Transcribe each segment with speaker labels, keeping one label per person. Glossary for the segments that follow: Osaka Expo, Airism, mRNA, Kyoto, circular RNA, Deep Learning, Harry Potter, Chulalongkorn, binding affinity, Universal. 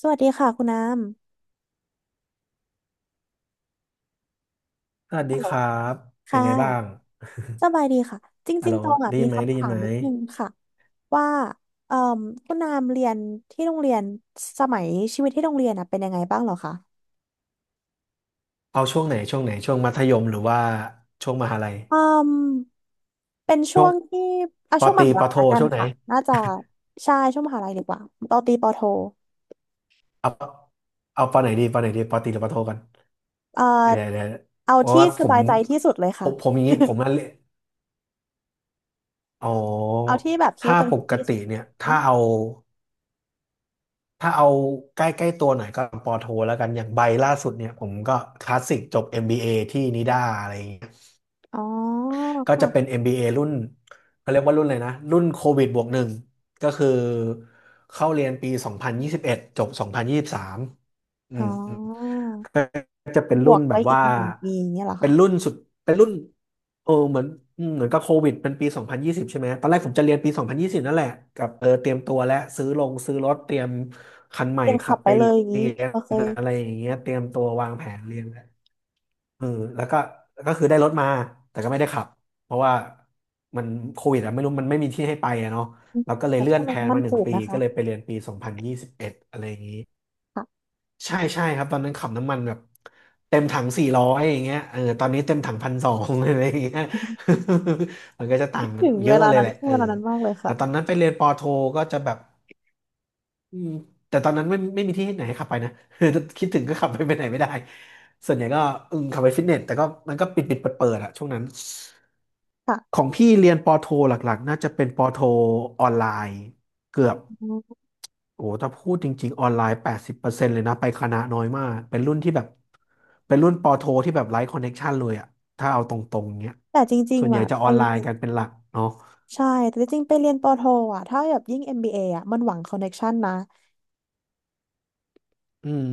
Speaker 1: สวัสดีค่ะคุณน้
Speaker 2: สวัส
Speaker 1: ฮั
Speaker 2: ดี
Speaker 1: ลโหล
Speaker 2: ครับ
Speaker 1: ำ
Speaker 2: เป็น
Speaker 1: ค่ะ
Speaker 2: ไงบ้าง
Speaker 1: สบายดีค่ะ จ
Speaker 2: ฮัล
Speaker 1: ริง
Speaker 2: โหล
Speaker 1: ๆตองอ่ะ
Speaker 2: ได้
Speaker 1: มี
Speaker 2: ยินไหมได้
Speaker 1: คำ
Speaker 2: ยิ
Speaker 1: ถา
Speaker 2: น
Speaker 1: ม
Speaker 2: ไหม
Speaker 1: นิดนึงค่ะว่าเอ่อคุณน้ำเรียนที่โรงเรียนสมัยชีวิตที่โรงเรียนอ่ะเป็นยังไงบ้างเหรอคะ
Speaker 2: เอาช่วงไหนช่วงไหนช่วงมัธยมหรือว่าช่วงมหาลัย
Speaker 1: อืมเป็นช่วงที่อ่ะ
Speaker 2: ป
Speaker 1: ช่
Speaker 2: อ
Speaker 1: วง
Speaker 2: ต
Speaker 1: ม
Speaker 2: รี
Speaker 1: หา
Speaker 2: ป
Speaker 1: ลั
Speaker 2: อ
Speaker 1: ย
Speaker 2: โท
Speaker 1: ละกัน
Speaker 2: ช่วงไหน
Speaker 1: ค่ะน่าจะใช่ช่วงมหาลัยดีกว่าปอตรีปอโท
Speaker 2: เอาเอาปอไหนดีปอไหนดีปอตรีหรือปอโทกัน
Speaker 1: เอ่อ
Speaker 2: เดี๋ยวเดี๋ยว
Speaker 1: เอา
Speaker 2: เพราะ
Speaker 1: ที่
Speaker 2: ว่า
Speaker 1: ส
Speaker 2: ผม
Speaker 1: บายใจที่สุดเลย
Speaker 2: ผ
Speaker 1: ค่ะ
Speaker 2: มผมอย่างนี้ผม นั่นเลยอ๋อ
Speaker 1: เอาที่แบบคิด
Speaker 2: ถ้า
Speaker 1: ว่าตัวเอ
Speaker 2: ป
Speaker 1: ง
Speaker 2: ก
Speaker 1: ที่
Speaker 2: ติ
Speaker 1: สุด
Speaker 2: เนี่ย
Speaker 1: อ
Speaker 2: ถ้า
Speaker 1: ม
Speaker 2: เอาถ้าเอาใกล้ใกล้ตัวหน่อยก็ปอโทแล้วกันอย่างใบล่าสุดเนี่ยผมก็คลาสสิกจบเอ็มบีเอที่นิด้าอะไรอย่างเงี้ย
Speaker 1: อ๋อ
Speaker 2: ก็จะเป็น
Speaker 1: ค่ะ
Speaker 2: MBA รุ่นเขาเรียกว่ารุ่นเลยนะรุ่นโควิดบวกหนึ่งก็คือเข้าเรียนปี2021จบ2023องพันยี่สิบสามอื
Speaker 1: อ๋
Speaker 2: มอืม
Speaker 1: อ
Speaker 2: ก็จะเป็น
Speaker 1: บ
Speaker 2: รุ่
Speaker 1: ว
Speaker 2: น
Speaker 1: ก
Speaker 2: แบ
Speaker 1: ไป
Speaker 2: บ
Speaker 1: อี
Speaker 2: ว่า
Speaker 1: กหนึ่งปีอย่างเงี้ยเหรอ
Speaker 2: เป็น
Speaker 1: คะ
Speaker 2: รุ่นสุดเป็นรุ่นเออเหมือนอืมเหมือนกับโควิดเป็นปี2020ใช่ไหมตอนแรกผมจะเรียนปี2020นยี่สิบนั่นแหละกับเออเตรียมตัวและซื้อลงซื้อรถเตรียมคันให
Speaker 1: เต
Speaker 2: ม่
Speaker 1: รียม
Speaker 2: ขั
Speaker 1: ขั
Speaker 2: บ
Speaker 1: บไป
Speaker 2: ไป
Speaker 1: เลยอย่าง
Speaker 2: เรี
Speaker 1: นี้
Speaker 2: ยน
Speaker 1: โอเค
Speaker 2: อะไรอย่างเงี้ยเตรียมตัววางแผนเรียนแล้ว เออแล้วก็ก็คือได้รถมาแต่ก็ไม่ได้ขับเพราะว่ามันโควิดอะไม่รู้มันไม่มีที่ให้ไปอะเนาะ
Speaker 1: อืม
Speaker 2: เราก็เลย
Speaker 1: แต่
Speaker 2: เลื่
Speaker 1: ช่
Speaker 2: อ
Speaker 1: ว
Speaker 2: น
Speaker 1: ง
Speaker 2: แพ
Speaker 1: นั้
Speaker 2: ล
Speaker 1: น
Speaker 2: น
Speaker 1: มัน
Speaker 2: มาหนึ่
Speaker 1: ถู
Speaker 2: ง
Speaker 1: ก
Speaker 2: ปี
Speaker 1: นะ
Speaker 2: ก็
Speaker 1: คะ
Speaker 2: เลยไปเรียนปี2021อะไรอย่างนี้
Speaker 1: ค่ะ
Speaker 2: ใช่ใช่ครับตอนนั้นขับน้ำมันแบบเต็มถัง400อย่างเงี้ยเออตอนนี้เต็มถัง1,200อะ ไรอย่างเงี้ย มันก็จะต่า
Speaker 1: คิ
Speaker 2: ง
Speaker 1: ด
Speaker 2: กัน
Speaker 1: ถึง
Speaker 2: เย
Speaker 1: เว
Speaker 2: อะ
Speaker 1: ลา
Speaker 2: เลย
Speaker 1: นั้น
Speaker 2: แหละ
Speaker 1: ช่วง
Speaker 2: เออ
Speaker 1: เวลานั้นมากเลย
Speaker 2: แต่
Speaker 1: ค่ะ
Speaker 2: ตอนนั้นไปเรียนปอโทก็จะแบบ อืมแต่ตอนนั้นไม่มีที่ไหนให้ขับไปนะ คิดถึงก็ขับไปไปไหนไม่ได้ส่วนใหญ่ก็อืมขับไปฟิตเนสแต่ก็มันก็ปิดปิดเปิดเปิดอะช่วงนั้น
Speaker 1: ค่ะ
Speaker 2: ของพี่เรียนปอโทหลักๆน่าจะเป็นปอโทออนไลน์เกือบ
Speaker 1: อืม
Speaker 2: โอ้ถ้าพูดจริงๆออนไลน์80%เลยนะไปคณะน้อยมากเป็นรุ่นที่แบบเป็นรุ่นปอโทที่แบบไร้คอนเน็กชันเลยอะถ้าเอาตรงๆเนี้ย
Speaker 1: แต่จริง
Speaker 2: ส่วน
Speaker 1: ๆ
Speaker 2: ใหญ่
Speaker 1: อะ
Speaker 2: จะอ
Speaker 1: ไป
Speaker 2: อนไล
Speaker 1: เรี
Speaker 2: น์
Speaker 1: ยน
Speaker 2: กันเป็นหลักเนาะ
Speaker 1: ใช่แต่จริงๆไปเรียนปอโทอ่ะถ้าแบบยิ่ง MBA อมบีเออ่ะมันหวังคอนเน c t ชันนะ
Speaker 2: อืม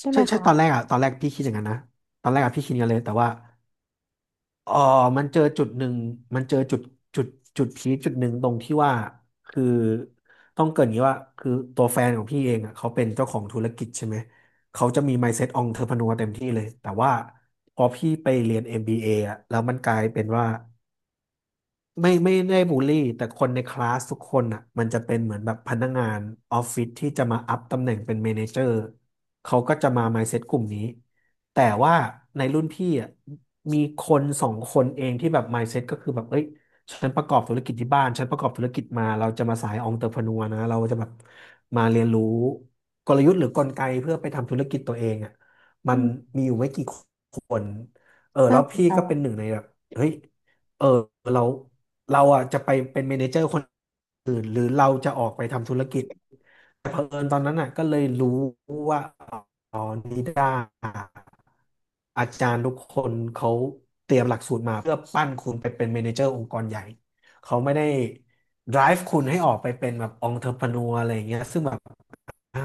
Speaker 1: ใช่ไห
Speaker 2: ใช่
Speaker 1: ม
Speaker 2: ใช่
Speaker 1: คะ
Speaker 2: ตอนแรกอะตอนแรกพี่คิดอย่างนั้นนะตอนแรกอะพี่คิดกันเลยแต่ว่า เออมันเจอจุดหนึ่ง มันเจอจุดจุดจุดพีคจุดหนึ่งตรงที่ว่าคือต้องเกรินอย่างนี้ว่าคือตัวแฟนของพี่เองอ่ะเขาเป็นเจ้าของธุรกิจใช่ไหมเขาจะมี mindset entrepreneur เต็มที่เลยแต่ว่าพอพี่ไปเรียน MBA อมบีเออ่ะแล้วมันกลายเป็นว่า ไม่ได้บูลลี่แต่คนในคลาสทุกคนอ่ะมันจะเป็นเหมือนแบบพนักงานออฟฟิศที่จะมาอัพตำแหน่งเป็นเมเนเจอร์เขาก็จะมา mindset กลุ่มนี้แต่ว่าในรุ่นพี่อ่ะมีคน2 คนเองที่แบบ mindset ก็คือแบบเอ้ยฉันประกอบธุรกิจที่บ้านฉันประกอบธุรกิจมาเราจะมาสายองเตอร์พนัวนะเราจะแบบมาเรียนรู้กลยุทธ์หรือกลไกเพื่อไปทำธุรกิจตัวเองอ่ะมั
Speaker 1: อื
Speaker 2: น
Speaker 1: ม
Speaker 2: มีอยู่ไม่กี่คนเออ
Speaker 1: น่า
Speaker 2: แล้ว
Speaker 1: สน
Speaker 2: พี่
Speaker 1: ใจ
Speaker 2: ก็เป็นหนึ่
Speaker 1: อะ
Speaker 2: งในแบบเฮ้ย เออเราเราอ่ะจะไปเป็นเมเนเจอร์คนอื่นหรือเราจะออกไปทำธุรกิจแต่เผอิญตอนนั้นอ่ะก็เลยรู้ว่าอ๋อนิด้าอาจารย์ทุกคนเขาเตรียมหลักสูตรมาเพื่อปั้นคุณไปเป็นเมเนเจอร์องค์กรใหญ่เขาไม่ได้ drive คุณให้ออกไปเป็นแบบ entrepreneur อะไรอย่างเงี้ยซึ่งแบบอ่ะ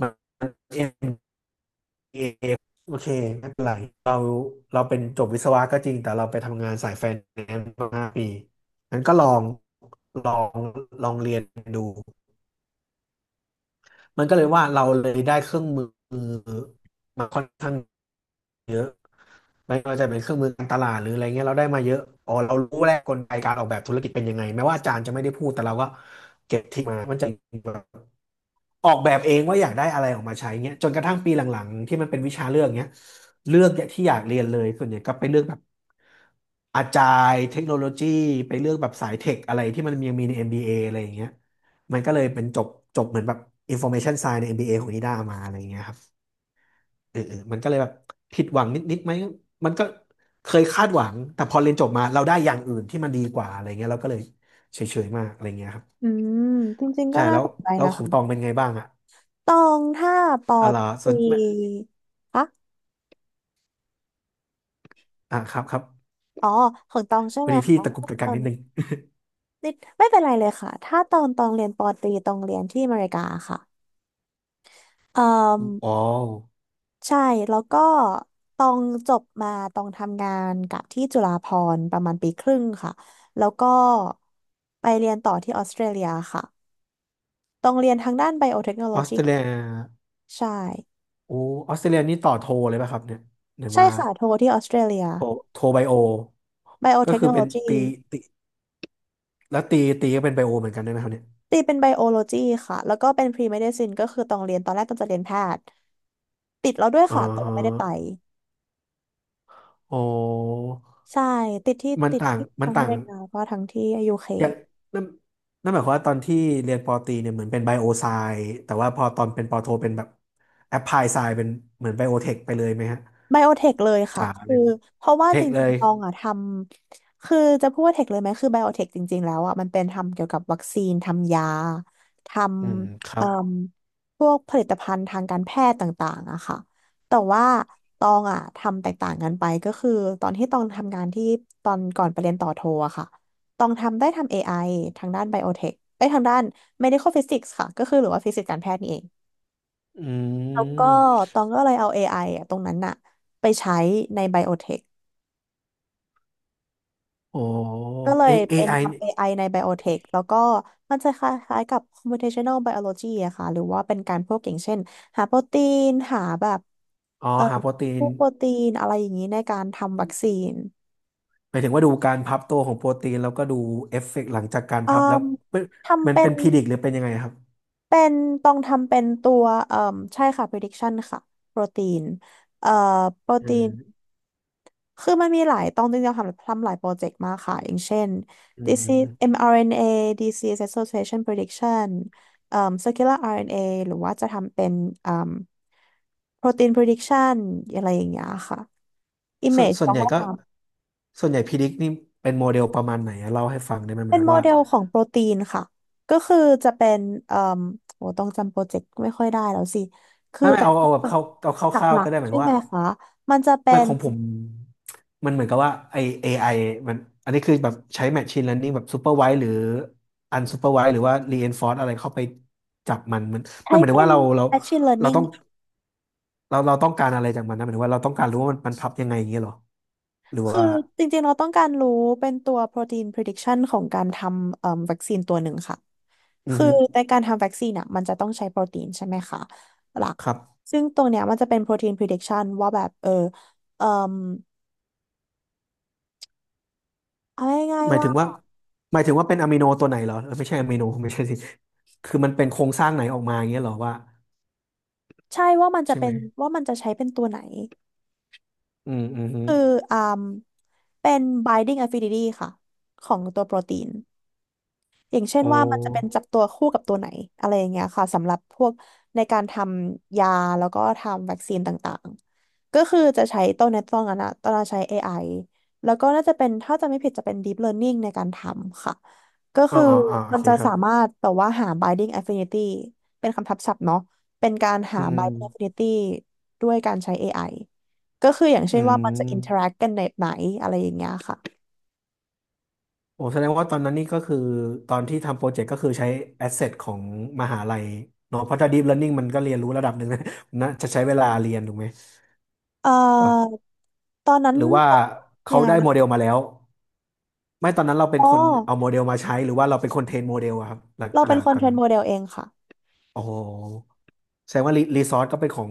Speaker 2: มัน เอโอเคไม่เป็นไรเราเราเป็นจบวิศวะก็จริงแต่เราไปทำงานสายไฟแนนซ์มา5 ปีงั้นก็ลองลองลองเรียนดูมันก็เลยว่าเราเลยได้เครื่องมือมาค่อนข้างเยอะไม่ว่าจะเป็นเครื่องมือการตลาดหรืออะไรเงี้ยเราได้มาเยอะอ๋อเรารู้แล้วกลไกการออกแบบธุรกิจเป็นยังไงแม้ว่าอาจารย์จะไม่ได้พูดแต่เราก็เก็บทริคมามันจะ ออกแบบเองว่าอยากได้อะไรออกมาใช้เงี้ยจนกระทั่งปีหลังๆที่มันเป็นวิชาเลือกเงี้ยเลือกเนี่ยที่อยากเรียนเลยส่วนใหญ่ก็ไปเลือกแบบอาจารย์เทคโนโลยีไปเลือกแบบสายเทคอะไรที่มันยังมีใน MBA อมบีเออะไรอย่างเงี้ยมันก็เลยเป็นจบจบเหมือนแบบ Information Science ในเอ็มบีเอของนิด้ามาอะไรอย่างเงี้ยครับมันก็เลยแบบผิดหวังนิดๆไหมมันก็เคยคาดหวังแต่พอเรียนจบมาเราได้อย่างอื่นที่มันดีกว่าอะไรเงี้ยเราก็เลยเฉยๆมากอะไรเงี้ยครับ
Speaker 1: อืมจริงๆก็
Speaker 2: ใช่
Speaker 1: น่า
Speaker 2: แล้ว
Speaker 1: สนใจ
Speaker 2: แล้ว
Speaker 1: นะ
Speaker 2: ขอ
Speaker 1: คะ
Speaker 2: งตองเป็นไงบ้างอะ
Speaker 1: ตองถ้าปอ
Speaker 2: อะ
Speaker 1: ต
Speaker 2: ไรส่
Speaker 1: รี
Speaker 2: วน
Speaker 1: คะ
Speaker 2: อ่าครับครับ
Speaker 1: อ๋อของตองใช่
Speaker 2: พอ
Speaker 1: ไหม
Speaker 2: ดีพี่
Speaker 1: คะ
Speaker 2: ตะกุกตะ
Speaker 1: ต
Speaker 2: กั
Speaker 1: อ
Speaker 2: กนิ
Speaker 1: น
Speaker 2: ดนึง
Speaker 1: นิดไม่เป็นไรเลยค่ะถ้าตอนตองเรียนปอตรีตองเรียนที่อเมริกาค่ะเอ่ม
Speaker 2: อ๋อ
Speaker 1: ใช่แล้วก็ตองจบมาตองทำงานกับที่จุฬาภรณ์ประมาณปีครึ่งค่ะแล้วก็ไปเรียนต่อที่ออสเตรเลียค่ะตองเรียนทางด้านไบโอเทคโนโล
Speaker 2: ออส
Speaker 1: ยี
Speaker 2: เตรเลีย
Speaker 1: ใช่
Speaker 2: โอ้ออสเตรเลียนี่ต่อโทเลยป่ะครับเนี่ยหรือ
Speaker 1: ใช่
Speaker 2: ว่า
Speaker 1: ค่ะโทที่ออสเตรเลีย
Speaker 2: โทโทไบโอ
Speaker 1: ไบโอ
Speaker 2: ก็
Speaker 1: เทค
Speaker 2: คือ
Speaker 1: โนโล
Speaker 2: เป็น
Speaker 1: ยี
Speaker 2: ตีตีแล้วตีก็เป็นไบโอเหมือนกันได้ไหมครับเนี่ย
Speaker 1: ตีเป็นไบโอโลจีค่ะ แล้วก็เป็นพรีเมดิซินก็คือตองเรียนตอนแรกตองจะเรียนแพทย์ติดแล้วด้วย
Speaker 2: อ๋อ
Speaker 1: ค่ะแต่ว่าไม่ได้ไป
Speaker 2: โอ้
Speaker 1: ใช่ติดที่ติดที่
Speaker 2: มัน
Speaker 1: ทั้งอเม
Speaker 2: ต่าง
Speaker 1: ริกาก็ทั้งที่ยูเค
Speaker 2: อย่างนั่นหมายความว่าตอนที่เรียนปอตรีเนี่ยเหมือนเป็นไบโอไซแต่ว่าพอตอนเป็นปอโทเป็นแบบแอปพลายไซเป็นเหมือนไบโอเทคไปเลยไหมฮะ
Speaker 1: ไบโอเทคเลยค่ะ
Speaker 2: จ๋า
Speaker 1: คื
Speaker 2: เล
Speaker 1: อ
Speaker 2: ย
Speaker 1: เพราะว่า
Speaker 2: เท
Speaker 1: จ
Speaker 2: คเล
Speaker 1: ริง
Speaker 2: ย
Speaker 1: ๆตองอ่ะทำคือจะพูดว่าเทคเลยไหมคือไบโอเทคจริงๆแล้วอ่ะมันเป็นทำเกี่ยวกับวัคซีนทำยาท
Speaker 2: อืมค
Speaker 1: ำ
Speaker 2: รั
Speaker 1: เอ่
Speaker 2: บ
Speaker 1: มพวกผลิตภัณฑ์ทางการแพทย์ต่างๆอะค่ะแต่ว่าตองอ่ะทำแตกต่างกันไปก็คือตอนที่ตองทำงานที่ตอนก่อนไปเรียนต่อโทอะค่ะตองทำได้ทำเอไอทางด้านไบโอเทคไอ้ยทางด้าน medical physics ค่ะก็คือหรือว่าฟิสิกส์การแพทย์นี่เอง
Speaker 2: อื
Speaker 1: แล้วก็
Speaker 2: ม
Speaker 1: ตองก็เลยเอา AI อไออะตรงนั้นอะไปใช้ในไบโอเทค
Speaker 2: โอ้
Speaker 1: ก็เล
Speaker 2: เอ
Speaker 1: ยเป็น
Speaker 2: AI
Speaker 1: ทำ
Speaker 2: เนี่ย
Speaker 1: AI ในไบโอเทคแล้วก็มันจะคล้ายๆกับ computational biology อะค่ะหรือว่าเป็นการพวกอย่างเช่นหาโปรตีนหาแบบ
Speaker 2: อ๋อ
Speaker 1: เอ่อ
Speaker 2: หาโปรตี
Speaker 1: พ
Speaker 2: น
Speaker 1: วกโปรตีนอะไรอย่างนี้ในการทำวัคซีน
Speaker 2: หมายถึงว่าดูการพับตัวของโปรตีนแล้วก็ดูเอฟเฟกต์หลังจากการ
Speaker 1: อื
Speaker 2: พับแล้ว
Speaker 1: ม
Speaker 2: เป็น
Speaker 1: ทำ
Speaker 2: มัน
Speaker 1: เป็
Speaker 2: เป็
Speaker 1: น
Speaker 2: นพิดิกหรือเป็นยังไงครับ
Speaker 1: เป็นต้องทำเป็นตัวใช่ค่ะ prediction ค่ะโปรตีนเอ่อโปร
Speaker 2: อื
Speaker 1: ตี
Speaker 2: ม
Speaker 1: น คือมันมีหลายตองจริงๆทำทำหลายโปรเจกต์มากค่ะอย่างเช่น
Speaker 2: อื
Speaker 1: disease
Speaker 2: ม
Speaker 1: mRNA disease association prediction เอ่อ circular RNA หรือว่าจะทำเป็นเอ่อ protein prediction อะไรอย่างเงี้ยค่ะ image
Speaker 2: ส่ว
Speaker 1: ต้
Speaker 2: น
Speaker 1: อง
Speaker 2: ใหญ่
Speaker 1: ก็
Speaker 2: ก็
Speaker 1: ท
Speaker 2: ส่วนใหญ่พิดิกนี่เป็นโมเดลประมาณไหนอะเล่าให้ฟังได้ไหม
Speaker 1: ำ
Speaker 2: หมา
Speaker 1: เป็
Speaker 2: ย
Speaker 1: น
Speaker 2: ถึง
Speaker 1: โม
Speaker 2: ว่า
Speaker 1: เดลของโปรตีนค่ะก็คือจะเป็นเอ่อโอ้ต้องจำโปรเจกต์ไม่ค่อยได้แล้วสิคือ
Speaker 2: ไม่
Speaker 1: แต่
Speaker 2: เอาเอาแบบเข้าเอาค
Speaker 1: ห
Speaker 2: ร่าว
Speaker 1: ลั
Speaker 2: ๆก็
Speaker 1: ก
Speaker 2: ได้ห
Speaker 1: ๆ
Speaker 2: มาย
Speaker 1: ใช่
Speaker 2: ถึง
Speaker 1: ไหม
Speaker 2: ว่า
Speaker 1: คะมันจะเป็
Speaker 2: ไม่
Speaker 1: น
Speaker 2: ของผมมันเหมือนกับว่าไอ AI มันอันนี้คือแบบใช้ Machine Learning แบบ Supervised หรือ Unsupervised หรือว่า Reinforce อะไรเข้าไปจับมันมั
Speaker 1: ใช้
Speaker 2: นหมายถึง
Speaker 1: เป็
Speaker 2: ว่า
Speaker 1: น
Speaker 2: เรา
Speaker 1: machine
Speaker 2: เราต้
Speaker 1: learning
Speaker 2: องเราต้องการอะไรจากมันนะหมายถึงว่าเราต้องการรู้ว่ามันพับยังไงอย่างเงี้ยเหรอหรือ
Speaker 1: คือ
Speaker 2: ว่า
Speaker 1: จริงๆเราต้องการรู้เป็นตัว protein prediction ของการทำวัคซีนตัวหนึ่งค่ะ
Speaker 2: อือ
Speaker 1: คือ
Speaker 2: ฮึ
Speaker 1: ในการทำวัคซีนอ่ะมันจะต้องใช้โปรตีนใช่ไหมคะหลัก
Speaker 2: ครับ
Speaker 1: ซึ่งตรงเนี้ยมันจะเป็น protein prediction ว่าแบบเออเอ่อเอาง่าย
Speaker 2: หมา
Speaker 1: ๆ
Speaker 2: ยถึง
Speaker 1: ว่า
Speaker 2: ว่าหมายถึงว่าเป็นอะมิโนตัวไหนเหรอเออไม่ใช่อะมิโนไม่ใช่สิคือมันเป็นโครงสร้างไหนออกมาอย่างเงี้ยเหรอว่า
Speaker 1: ใช่ว่ามันจะ
Speaker 2: ใช่
Speaker 1: เป็
Speaker 2: ไหม
Speaker 1: นว่ามันจะใช้เป็นตัวไหน
Speaker 2: อืมอืมอ
Speaker 1: คือ
Speaker 2: ม
Speaker 1: อ่าเป็น binding affinity ค่ะของตัวโปรตีน อย่างเช่น
Speaker 2: โอ้
Speaker 1: ว่ามันจะเป็นจับตัวคู่กับตัวไหนอะไรอย่างเงี้ยค่ะสำหรับพวกในการทำยาแล้วก็ทำวัคซีนต่างๆก็คือจะใช้ตอนนี้ตอนนั้นอะตอนนั้นใช้เอไอแล้วก็น่าจะเป็นถ้าจะไม่ผิดจะเป็น Deep Learning ในการทำค่ะก็
Speaker 2: อ๋อ
Speaker 1: คือ
Speaker 2: อ๋ออ๋อโอ
Speaker 1: มัน
Speaker 2: เค
Speaker 1: จะ
Speaker 2: ครั
Speaker 1: สา
Speaker 2: บ
Speaker 1: มารถแบบว่าหา binding affinity เป็นคำทับศัพท์เนาะเป็นการหา
Speaker 2: อื
Speaker 1: binding
Speaker 2: ม
Speaker 1: affinity ด้วยการใช้เอไอก็คืออย่าง
Speaker 2: อื
Speaker 1: เช่นว่ามันจะ
Speaker 2: ม
Speaker 1: interact กันแบบไหนอะไรอย่างเงี้ยค่ะ
Speaker 2: โอ้แสดงว่าตอนนั้นนี่ก็คือตอนที่ทำโปรเจกต์ก็คือใช้แอสเซทของมหาลัยเนาะเพราะถ้า deep learning มันก็เรียนรู้ระดับหนึ่ง นะนะจะใช้เวลาเรียนถูกไหม
Speaker 1: เอ่
Speaker 2: วะ
Speaker 1: อตอนนั้น
Speaker 2: หรือว่า
Speaker 1: ยั
Speaker 2: เขา
Speaker 1: ง
Speaker 2: ได้โม
Speaker 1: ไง
Speaker 2: เดลมาแล้วไม่ตอนนั้นเราเป็น
Speaker 1: อ๋อ
Speaker 2: คนเอาโมเดลมาใช้หรือว่าเราเป็นคนเทรนโมเดลอะครับ
Speaker 1: เรา
Speaker 2: ห
Speaker 1: เป็
Speaker 2: ลั
Speaker 1: นค
Speaker 2: ก
Speaker 1: น
Speaker 2: ตอ
Speaker 1: เท
Speaker 2: น
Speaker 1: รน
Speaker 2: นั้น
Speaker 1: โมเดลเองค่ะ
Speaker 2: โอ้โหแสดงว่ารีซอสก็เป็นของ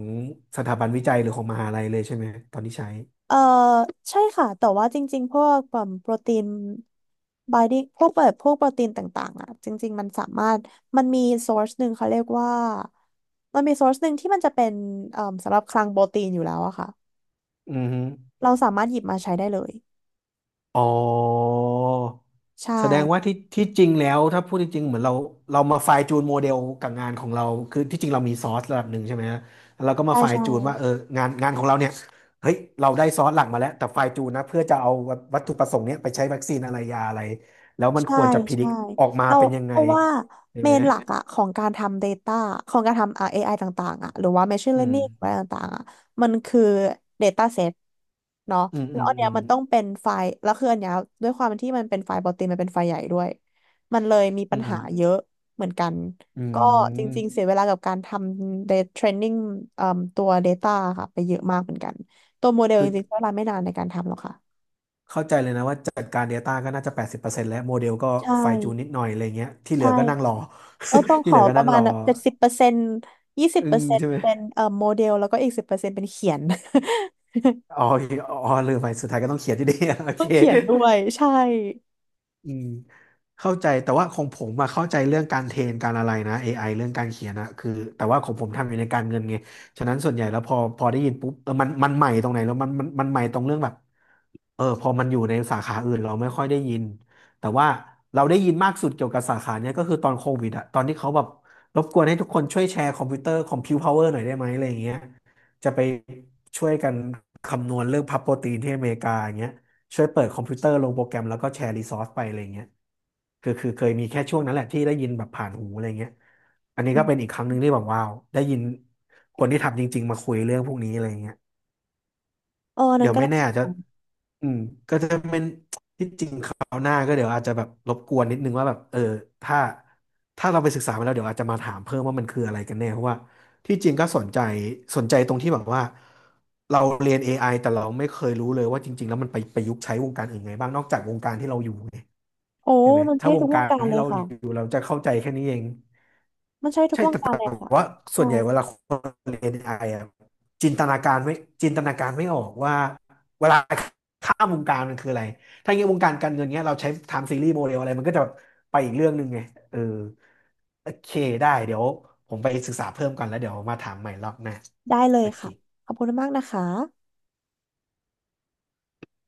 Speaker 2: สถาบันวิจัยหรือของมหาลัยเลยใช่ไหมตอนที่ใช้
Speaker 1: เอ่อใช่ค่ะแต่ว่าจริงๆพวกแบบโปรตีนบายดิ้งพวกแบบพวกโปรตีนต่างๆอ่ะจริงๆมันสามารถมันมี source หนึ่งเขาเรียกว่ามันมี source หนึ่งที่มันจะเป็นสำหรับคลังโปรตีนอยู่แล้วอะค่ะ
Speaker 2: อือฮึ
Speaker 1: เราสามารถหยิบมาใช้ได้เลย
Speaker 2: อ๋อ
Speaker 1: ใช่
Speaker 2: แสดงว่าที่จริงแล้วถ้าพูดจริงๆเหมือนเรามาไฟล์จูนโมเดลกับงานของเราคือที่จริงเรามีซอสระดับหนึ่งใช่ไหมฮะแล้วเราก็มา
Speaker 1: ใช่
Speaker 2: ไฟล์
Speaker 1: ใช่
Speaker 2: จูนว่าเอองานของเราเนี่ยเฮ้ยเราได้ซอสหลักมาแล้วแต่ไฟล์จูนนะเพื่อจะเอาวัตถุประสงค์เนี้ยไปใช้วัคซีนอะไรยาอะไรแล้วมัน
Speaker 1: ใช่
Speaker 2: ควรจะพิดิ
Speaker 1: ใช่
Speaker 2: กออกมา
Speaker 1: เรา
Speaker 2: เป็นยัง
Speaker 1: เพ
Speaker 2: ไง
Speaker 1: ราะว่า
Speaker 2: ใช่
Speaker 1: เม
Speaker 2: ไหม
Speaker 1: นหลักอะของการทำ Data ของการทำ AI ต่างๆอะหรือว่า Machine
Speaker 2: อืม
Speaker 1: Learning อะไรต่างๆอะมันคือ Data Set เนาะ
Speaker 2: อืม
Speaker 1: แล้
Speaker 2: อื
Speaker 1: ว
Speaker 2: ม
Speaker 1: อันเนี้
Speaker 2: อื
Speaker 1: ย
Speaker 2: ม
Speaker 1: มันต้องเป็นไฟล์แล้วคืออันเนี้ยด้วยความที่มันเป็นไฟล์ปกติมันเป็นไฟล์ใหญ่ด้วยมันเลยมี
Speaker 2: อื
Speaker 1: ปัญ
Speaker 2: ม
Speaker 1: หาเยอะเหมือนกัน
Speaker 2: อื
Speaker 1: ก็จริงๆเสีย
Speaker 2: ม
Speaker 1: เวลากับการทำ data training เอ่มตัว Data ค่ะไปเยอะมากเหมือนกันตัวโมเดล
Speaker 2: คื
Speaker 1: จ
Speaker 2: อ
Speaker 1: ริงๆใช้เวลาไม่นานในการทำหรอกค่ะ
Speaker 2: เข้าใจเลยนะว่าจัดการ Data ก็น่าจะ80%แล้วโมเดลก็
Speaker 1: ใช่
Speaker 2: ไฟจูนนิดหน่อยอะไรเงี้ยที่เหลื
Speaker 1: ใช่
Speaker 2: อก็นั่งรอ
Speaker 1: เออต้อง ข
Speaker 2: ที่เห
Speaker 1: อ
Speaker 2: ลือก็
Speaker 1: ป
Speaker 2: นั่
Speaker 1: ระ
Speaker 2: ง
Speaker 1: มา
Speaker 2: ร
Speaker 1: ณ
Speaker 2: อ
Speaker 1: แบบ70%ยี่สิบ
Speaker 2: อึ้
Speaker 1: เปอ
Speaker 2: ง
Speaker 1: ร์เซ็น
Speaker 2: ใช่
Speaker 1: ต์
Speaker 2: ไหม
Speaker 1: เป็นโมเดล แล้วก็อีก10%เป็นเขียน
Speaker 2: อ๋อออ๋อลืมไปสุดท้ายก็ต้องเขียนอยู่ดี โอ
Speaker 1: ต้
Speaker 2: เค
Speaker 1: องเขียนด้วยใช่
Speaker 2: อืมเข้าใจแต่ว่าของผมอะเข้าใจเรื่องการเทรนการอะไรนะ AI เรื่องการเขียนอะคือแต่ว่าของผมทำอยู่ในการเงินไงฉะนั้นส่วนใหญ่แล้วพอได้ยินปุ๊บเออมันใหม่ตรงไหนแล้วมันมันใหม่ตรงเรื่องแบบเออพอมันอยู่ในสาขาอื่นเราไม่ค่อยได้ยินแต่ว่าเราได้ยินมากสุดเกี่ยวกับสาขาเนี้ยก็คือตอนโควิดอะตอนที่เขาแบบรบกวนให้ทุกคนช่วยแชร์คอมพิวเตอร์คอมพิวพาวเวอร์หน่อยได้ไหมอะไรอย่างเงี้ยจะไปช่วยกันคำนวณเรื่องพับโปรตีนที่อเมริกาอย่างเงี้ย ช่วยเปิดคอมพิวเตอร์ลงโปรแกรมแล้วก็แชร์รีซอสไปอะไรเงี้ยคือเคยมีแค่ช่วงนั้นแหละที่ได้ยินแบบผ่านหูอะไรเงี้ยอันนี้
Speaker 1: อื
Speaker 2: ก็เป็น
Speaker 1: ม
Speaker 2: อีกครั้งหนึ่งที่แบบว้าวได้ยินคนที่ทำจริงๆมาคุยเรื่องพวกนี้อะไรเงี้ย
Speaker 1: เออนั่
Speaker 2: เดี๋
Speaker 1: น
Speaker 2: ยว
Speaker 1: ก็
Speaker 2: ไม่
Speaker 1: น่า
Speaker 2: แน่
Speaker 1: สน
Speaker 2: อาจ
Speaker 1: ใ
Speaker 2: จะ
Speaker 1: จ
Speaker 2: อืมก็จะเป็นที่จริงคราวหน้าก็เดี๋ยวอาจจะแบบรบกวนนิดนึงว่าแบบเออถ้าถ้าเราไปศึกษามาแล้วเดี๋ยวอาจจะมาถามเพิ่มว่ามันคืออะไรกันแน่เพราะว่าที่จริงก็สนใจสนใจตรงที่แบบว่าเราเรียน AI แต่เราไม่เคยรู้เลยว่าจริงๆแล้วมันไปประยุกต์ใช้วงการอื่นไงบ้างนอกจากวงการที่เราอยู่ไง
Speaker 1: โอ้
Speaker 2: ใช่ไหม
Speaker 1: มัน
Speaker 2: ถ้า
Speaker 1: ใช้
Speaker 2: ว
Speaker 1: ทุ
Speaker 2: ง
Speaker 1: กว
Speaker 2: กา
Speaker 1: ง
Speaker 2: ร
Speaker 1: การ
Speaker 2: ที่
Speaker 1: เลย
Speaker 2: เราอ
Speaker 1: ค่ะ
Speaker 2: ยู่เราจะเข้าใจแค่นี้เอง
Speaker 1: มันใช้ทุกวงการเลยค่ะ
Speaker 2: ว่าส่
Speaker 1: ใช่
Speaker 2: วนใหญ่เวลาคนเรียน AI อไออะจินตนาการไม่จินตนาการไม่ออกว่าเวลาข้ามวงการมันคืออะไรถ้าอย่างเงี้ยวงการการเงินเงี้ยเราใช้ไทม์ซีรีส์โมเดลอะไรมันก็จะไปอีกเรื่องหนึ่งไงเออโอเคได้เดี๋ยวผมไปศึกษาเพิ่มก่อนแล้วเดี๋ยวมาถามใหม่รอบหน้า
Speaker 1: ได้เล
Speaker 2: โอ
Speaker 1: ย
Speaker 2: เค
Speaker 1: ค่ะ ขอบคุณมากนะคะ